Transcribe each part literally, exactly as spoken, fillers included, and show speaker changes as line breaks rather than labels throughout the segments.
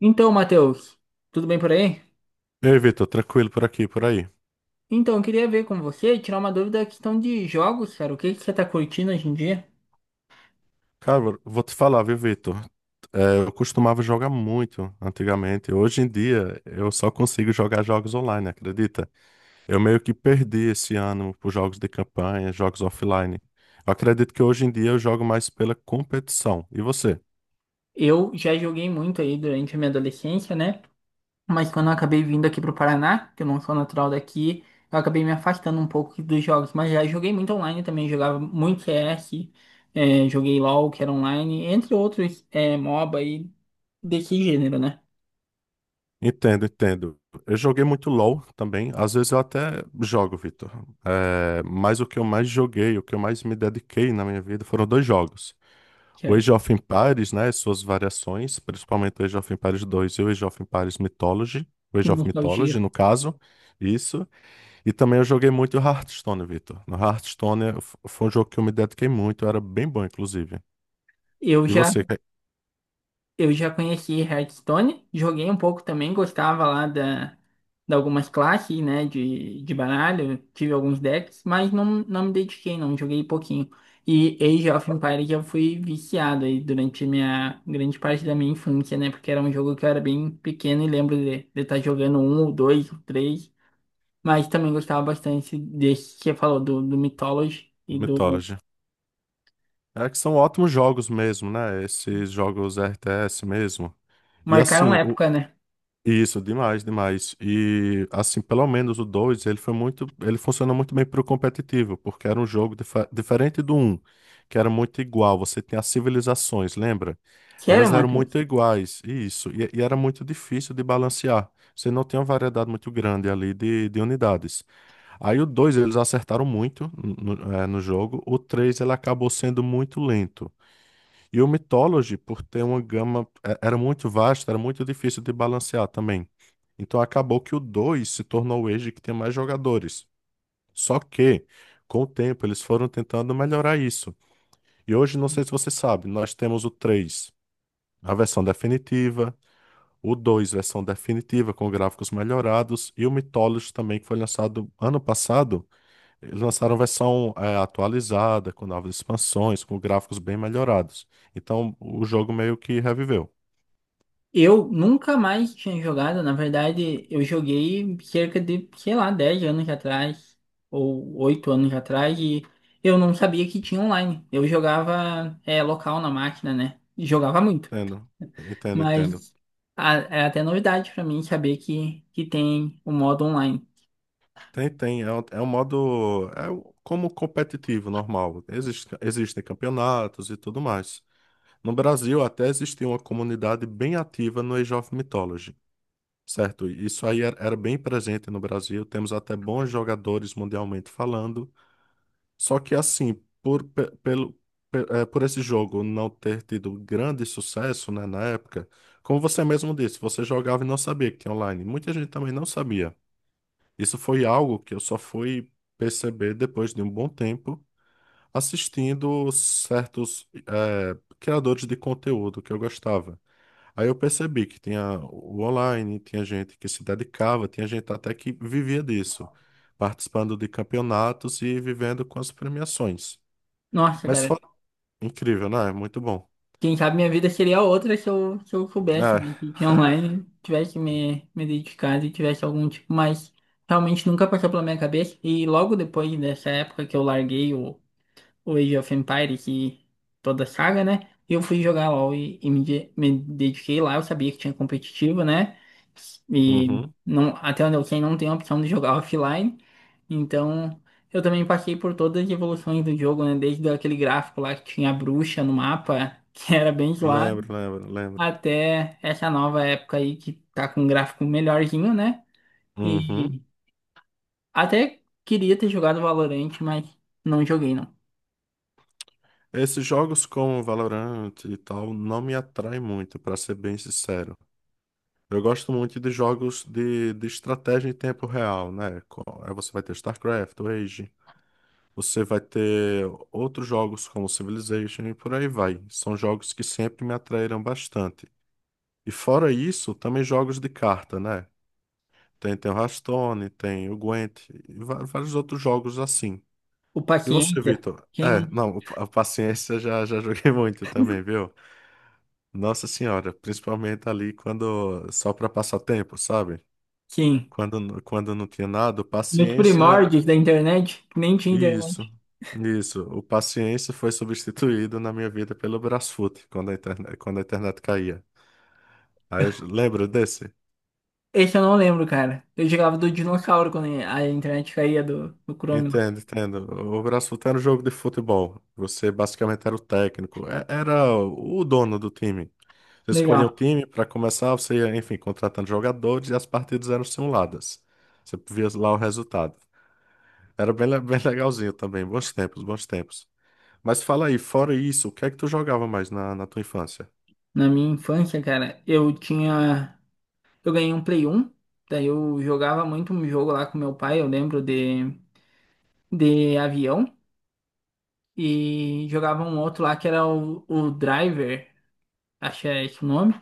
Então, Matheus, tudo bem por aí?
Ei, Vitor, tranquilo por aqui, por aí.
Então, eu queria ver com você, tirar uma dúvida da questão de jogos, cara. O que que você tá curtindo hoje em dia?
Cara, vou te falar, viu, Vitor? É, eu costumava jogar muito antigamente. Hoje em dia, eu só consigo jogar jogos online, acredita? Eu meio que perdi esse ano por jogos de campanha, jogos offline. Eu acredito que hoje em dia eu jogo mais pela competição. E você?
Eu já joguei muito aí durante a minha adolescência, né? Mas quando eu acabei vindo aqui pro Paraná, que eu não sou natural daqui, eu acabei me afastando um pouco dos jogos. Mas já joguei muito online também, jogava muito C S, eh, joguei LoL, que era online, entre outros, eh, MOBA e desse gênero, né?
Entendo, entendo. Eu joguei muito LoL também. Às vezes eu até jogo, Vitor. É, mas o que eu mais joguei, o que eu mais me dediquei na minha vida foram dois jogos.
Que,
O
é,
Age of Empires, né, suas variações, principalmente o Age of Empires dois e o Age of Empires Mythology, o
que
Age of Mythology,
nostalgia.
no caso, isso. E também eu joguei muito Hearthstone, Vitor. No Hearthstone eh, f- foi um jogo que eu me dediquei muito, era bem bom, inclusive.
Eu
E
já
você, que-
Eu já conheci Hearthstone, joguei um pouco também, gostava lá da, de algumas classes, né, de, de baralho, tive alguns decks, mas não, não me dediquei, não, joguei pouquinho. E Age of Empires eu fui viciado aí durante minha grande parte da minha infância, né, porque era um jogo que eu era bem pequeno e lembro de de estar jogando um, ou dois, ou três, mas também gostava bastante desse que você falou, do, do Mythology e do...
Mythology? É que são ótimos jogos mesmo, né? Esses jogos R T S mesmo. E
Marcaram
assim, o,
época, né?
Isso, demais, demais. E assim, pelo menos o dois ele foi muito, ele funciona muito bem pro competitivo, porque era um jogo dife- diferente do um que era muito igual, você tem as civilizações, lembra?
Sério,
Elas eram muito
Matheus?
iguais, isso, e, e era muito difícil de balancear. Você não tem uma variedade muito grande ali de, de unidades. Aí o dois eles acertaram muito no, no eh, no jogo, o três ele acabou sendo muito lento. E o Mythology, por ter uma gama, eh, era muito vasta, era muito difícil de balancear também. Então acabou que o dois se tornou o Age que tem mais jogadores. Só que, com o tempo, eles foram tentando melhorar isso. E hoje, não sei se você sabe, nós temos o três, a versão definitiva, o dois versão definitiva, com gráficos melhorados, e o Mythology também, que foi lançado ano passado. Eles lançaram versão eh, atualizada, com novas expansões, com gráficos bem melhorados. Então, o jogo meio que reviveu.
Eu nunca mais tinha jogado, na verdade, eu joguei cerca de, sei lá, dez anos atrás, ou oito anos atrás, e eu não sabia que tinha online. Eu jogava é, local na máquina, né? E jogava muito.
Entendo, entendo, entendo.
Mas a- é até novidade pra mim saber que, que tem o modo online.
Tem, tem. É um, é um modo. É um- como competitivo, normal. Existe, existem campeonatos e tudo mais. No Brasil, até existia uma comunidade bem ativa no Age of Mythology, certo? Isso aí era, era bem presente no Brasil. Temos até bons jogadores mundialmente falando. Só que, assim, por, pe- pelo, pe- eh, por esse jogo não ter tido grande sucesso, né, na época, como você mesmo disse, você jogava e não sabia que tinha online. Muita gente também não sabia. Isso foi algo que eu só fui perceber depois de um bom tempo, assistindo certos eh, criadores de conteúdo que eu gostava. Aí eu percebi que tinha o online, tinha gente que se dedicava, tinha gente até que vivia disso, participando de campeonatos e vivendo com as premiações.
Nossa,
Mas
cara.
foi incrível, né? Muito bom.
Quem sabe minha vida seria outra se eu, se eu soubesse
É.
de que online, tivesse me, me dedicado e tivesse algum tipo, mas realmente nunca passou pela minha cabeça. E logo depois dessa época que eu larguei o o Age of Empire, que toda a saga, né? Eu fui jogar LoL e, e me, de- me dediquei lá. Eu sabia que tinha competitivo, né? E
Uhum.
não, até onde eu sei, não tem a opção de jogar offline. Então, eu também passei por todas as evoluções do jogo, né? Desde aquele gráfico lá que tinha a bruxa no mapa, que era bem zoado,
Lembro, lembro, lembro.
até essa nova época aí que tá com um gráfico melhorzinho, né?
Uhum.
E até queria ter jogado Valorant, mas não joguei, não.
Esses jogos como Valorant e tal não me atraem muito, pra ser bem sincero. Eu gosto muito de jogos de, de estratégia em tempo real, né? Co- Aí você vai ter StarCraft, Age, você vai ter outros jogos como Civilization e por aí vai. São jogos que sempre me atraíram bastante. E fora isso, também jogos de carta, né? Tem, tem o Hearthstone, tem o Gwent, e va- vários outros jogos assim.
O
E você,
Paciência,
Vitor?
quem não...
É, não, a paciência já, já joguei muito também, viu? Nossa Senhora, principalmente ali quando só para passar tempo, sabe?
Sim.
Quando, quando não tinha nada, o
Nos
paciência.
primórdios da internet, que nem tinha
Isso,
internet.
isso. O paciência foi substituído na minha vida pelo Brasfoot, quando a internet, quando a internet caía. Aí eu j- lembro desse?
Esse eu não lembro, cara. Eu jogava do dinossauro quando a internet caía do, do Chrome lá.
Entendo, entendo. O Brasfoot era um jogo de futebol. Você basicamente era o técnico, é- era o dono do time. Você escolhia o
Legal.
time para começar, você ia, enfim, contratando jogadores e as partidas eram simuladas. Você via lá o resultado. Era bem, le- bem legalzinho também. Bons tempos, bons tempos. Mas fala aí, fora isso, o que é que tu jogava mais na, na tua infância?
Na minha infância, cara, eu tinha. Eu ganhei um Play um. Daí eu jogava muito um jogo lá com meu pai, eu lembro de, de avião. E jogava um outro lá que era o, o Driver, acho que é esse o nome.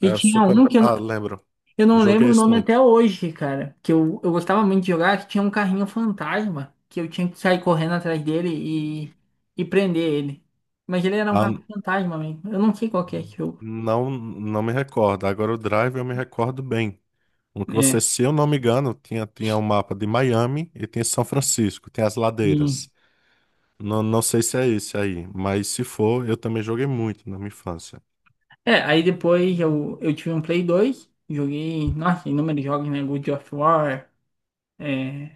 E
É
tinha
Super.
um que eu,
Ah,
não-
lembro.
eu
Eu
não
joguei
lembro o
esse
nome até
muito.
hoje, cara. Que eu, eu gostava muito de jogar, que tinha um carrinho fantasma, que eu tinha que sair correndo atrás dele e, e prender ele. Mas ele era um
Ah,
carro
n-
fantasma mesmo. Eu não sei qual que é esse jogo.
não, não me recordo. Agora o Drive eu me recordo bem. No que você,
É.
se eu não me engano, tinha, tinha um mapa de Miami e tinha São Francisco, tem as
E-
ladeiras. Não, não sei se é esse aí, mas se for, eu também joguei muito na minha infância.
É, aí depois eu, eu tive um Play dois, joguei, nossa, inúmeros jogos, né? God of War. É,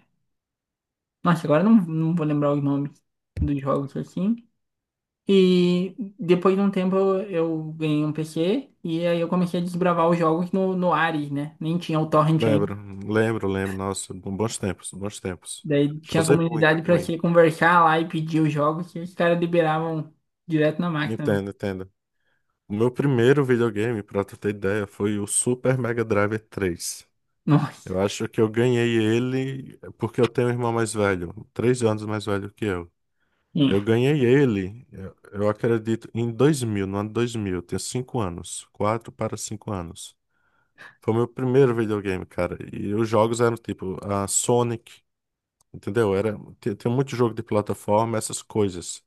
nossa, agora eu não, não vou lembrar os nomes dos jogos assim. E depois de um tempo eu, eu ganhei um P C e aí eu comecei a desbravar os jogos no, no Ares, né? Nem tinha o torrent ainda.
Lembro, lembro, lembro. Nossa, bons tempos, bons tempos.
Daí
Já
tinha
usei muito
comunidade pra
também.
você conversar lá e pedir os jogos que os caras liberavam direto na máquina, né?
Entendo, entendo. O meu primeiro videogame, pra tu ter ideia, foi o Super Mega Drive três.
Nossa,
Eu acho que eu ganhei ele porque eu tenho um irmão mais velho, três anos mais velho que eu.
sim,
Eu ganhei ele, eu, eu acredito, em dois mil, no ano dois mil. Eu tenho cinco anos, quatro para cinco anos. Foi o meu primeiro videogame, cara. E os jogos eram tipo a Sonic, entendeu? Era, tem, tem muito jogo de plataforma, essas coisas.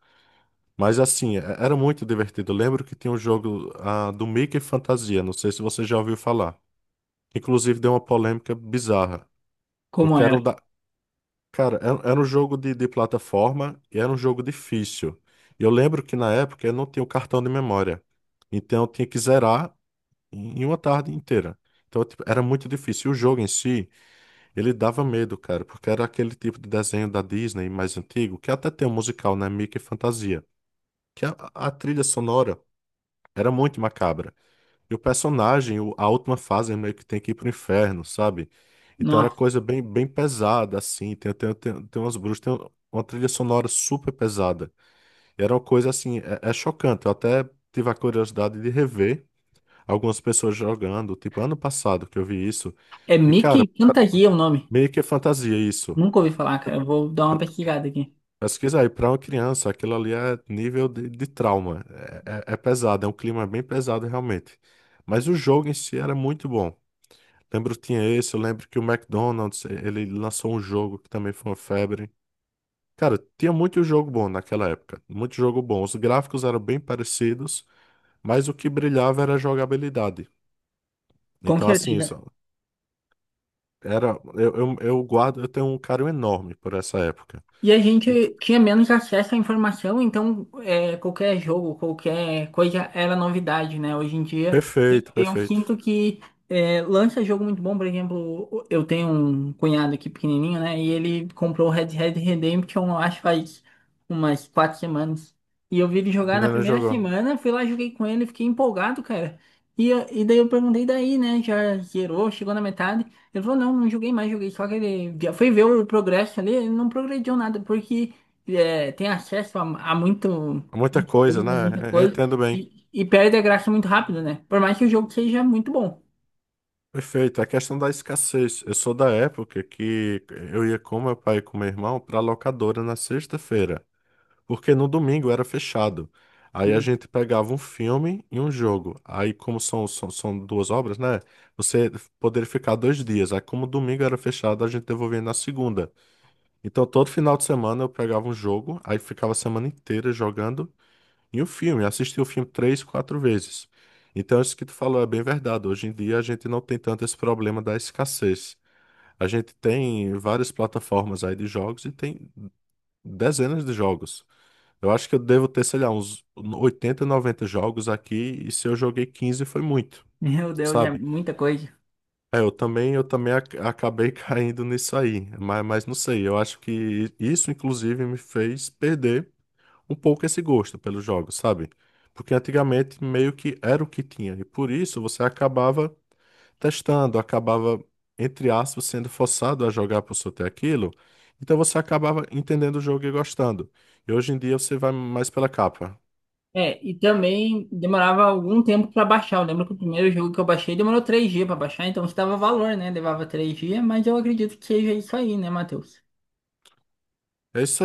Mas assim, é- era muito divertido. Eu lembro que tinha um jogo ah, do Mickey Fantasia, não sei se você já ouviu falar. Inclusive deu uma polêmica bizarra,
como
porque era
era?
um da... Cara, era, era um jogo de, de plataforma e era um jogo difícil. E eu lembro que na época eu não tinha o cartão de memória, então eu tinha que zerar em em uma tarde inteira. Então, tipo, era muito difícil. E o jogo em si, ele dava medo, cara, porque era aquele tipo de desenho da Disney mais antigo, que até tem um musical, né? Mickey Fantasia, que a a trilha sonora era muito macabra. E o personagem, o- a última fase, ele meio que tem que ir pro inferno, sabe? Então era
Nossa,
coisa bem, bem pesada, assim. Tem, tem, tem, tem umas bruxas, tem uma trilha sonora super pesada. E era uma coisa, assim, é, é chocante. Eu até tive a curiosidade de rever algumas pessoas jogando, tipo, ano passado que eu vi isso.
é
E, cara,
Mickey Fantasia o nome.
meio que é fantasia isso.
Nunca ouvi falar, cara. Eu vou dar uma pesquisada aqui.
Pesquisa aí, pra uma criança, aquilo ali é nível de, de trauma. É, é, é pesado, é um clima bem pesado, realmente. Mas o jogo em si era muito bom. Lembro que tinha esse, eu lembro que o McDonald's, eh, ele lançou um jogo que também foi uma febre. Cara, tinha muito jogo bom naquela época, muito jogo bom. Os gráficos eram bem parecidos, mas o que brilhava era a jogabilidade.
Com
Então, assim,
certeza.
isso era, eu, eu, eu guardo, eu tenho um carinho enorme por essa época.
E a
E-
gente tinha menos acesso à informação, então é, qualquer jogo, qualquer coisa era novidade, né? Hoje em dia, eu
Perfeito,
eu
perfeito.
sinto que é, lança jogo muito bom, por exemplo, eu tenho um cunhado aqui pequenininho, né? E ele comprou o Red Dead Redemption, eu acho, faz umas quatro semanas. E eu vi ele jogar na
Não, não
primeira
jogou.
semana, fui lá, joguei com ele, fiquei empolgado, cara. E, e daí eu perguntei daí, né? Já zerou, chegou na metade. Ele falou, não, não joguei mais, joguei só aquele dia. Foi ver o progresso ali, ele não progrediu nada, porque é, tem acesso a, a muito
Muita coisa,
jogo, muita
né? Eu
coisa,
entendo bem.
e, e perde a graça muito rápido, né? Por mais que o jogo seja muito bom.
Perfeito. A questão da escassez. Eu sou da época que eu ia com meu pai e com meu irmão para locadora na sexta-feira. Porque no domingo era fechado.
E,
Aí a gente pegava um filme e um jogo. Aí, como são, são, são duas obras, né? Você poderia ficar dois dias. Aí, como domingo era fechado, a gente devolvia na segunda. Então, todo final de semana eu pegava um jogo, aí ficava a semana inteira jogando e um filme. Assistia o filme três, quatro vezes. Então, isso que tu falou é bem verdade. Hoje em dia, a gente não tem tanto esse problema da escassez. A gente tem várias plataformas aí de jogos e tem dezenas de jogos. Eu acho que eu devo ter, sei lá, uns oitenta, noventa jogos aqui, e se eu joguei quinze foi muito,
meu Deus, é
sabe?
muita coisa.
É, eu também, eu também ac- acabei caindo nisso aí, mas, mas não sei, eu acho que isso inclusive me fez perder um pouco esse gosto pelos jogos, sabe? Porque antigamente meio que era o que tinha, e por isso você acabava testando, acabava, entre aspas, sendo forçado a jogar por só ter aquilo, então você acabava entendendo o jogo e gostando. E hoje em dia você vai mais pela capa.
É, e também demorava algum tempo para baixar. Eu lembro que o primeiro jogo que eu baixei demorou três dias para baixar, então isso dava valor, né? Levava três dias, mas eu acredito que seja isso aí, né, Matheus?
É isso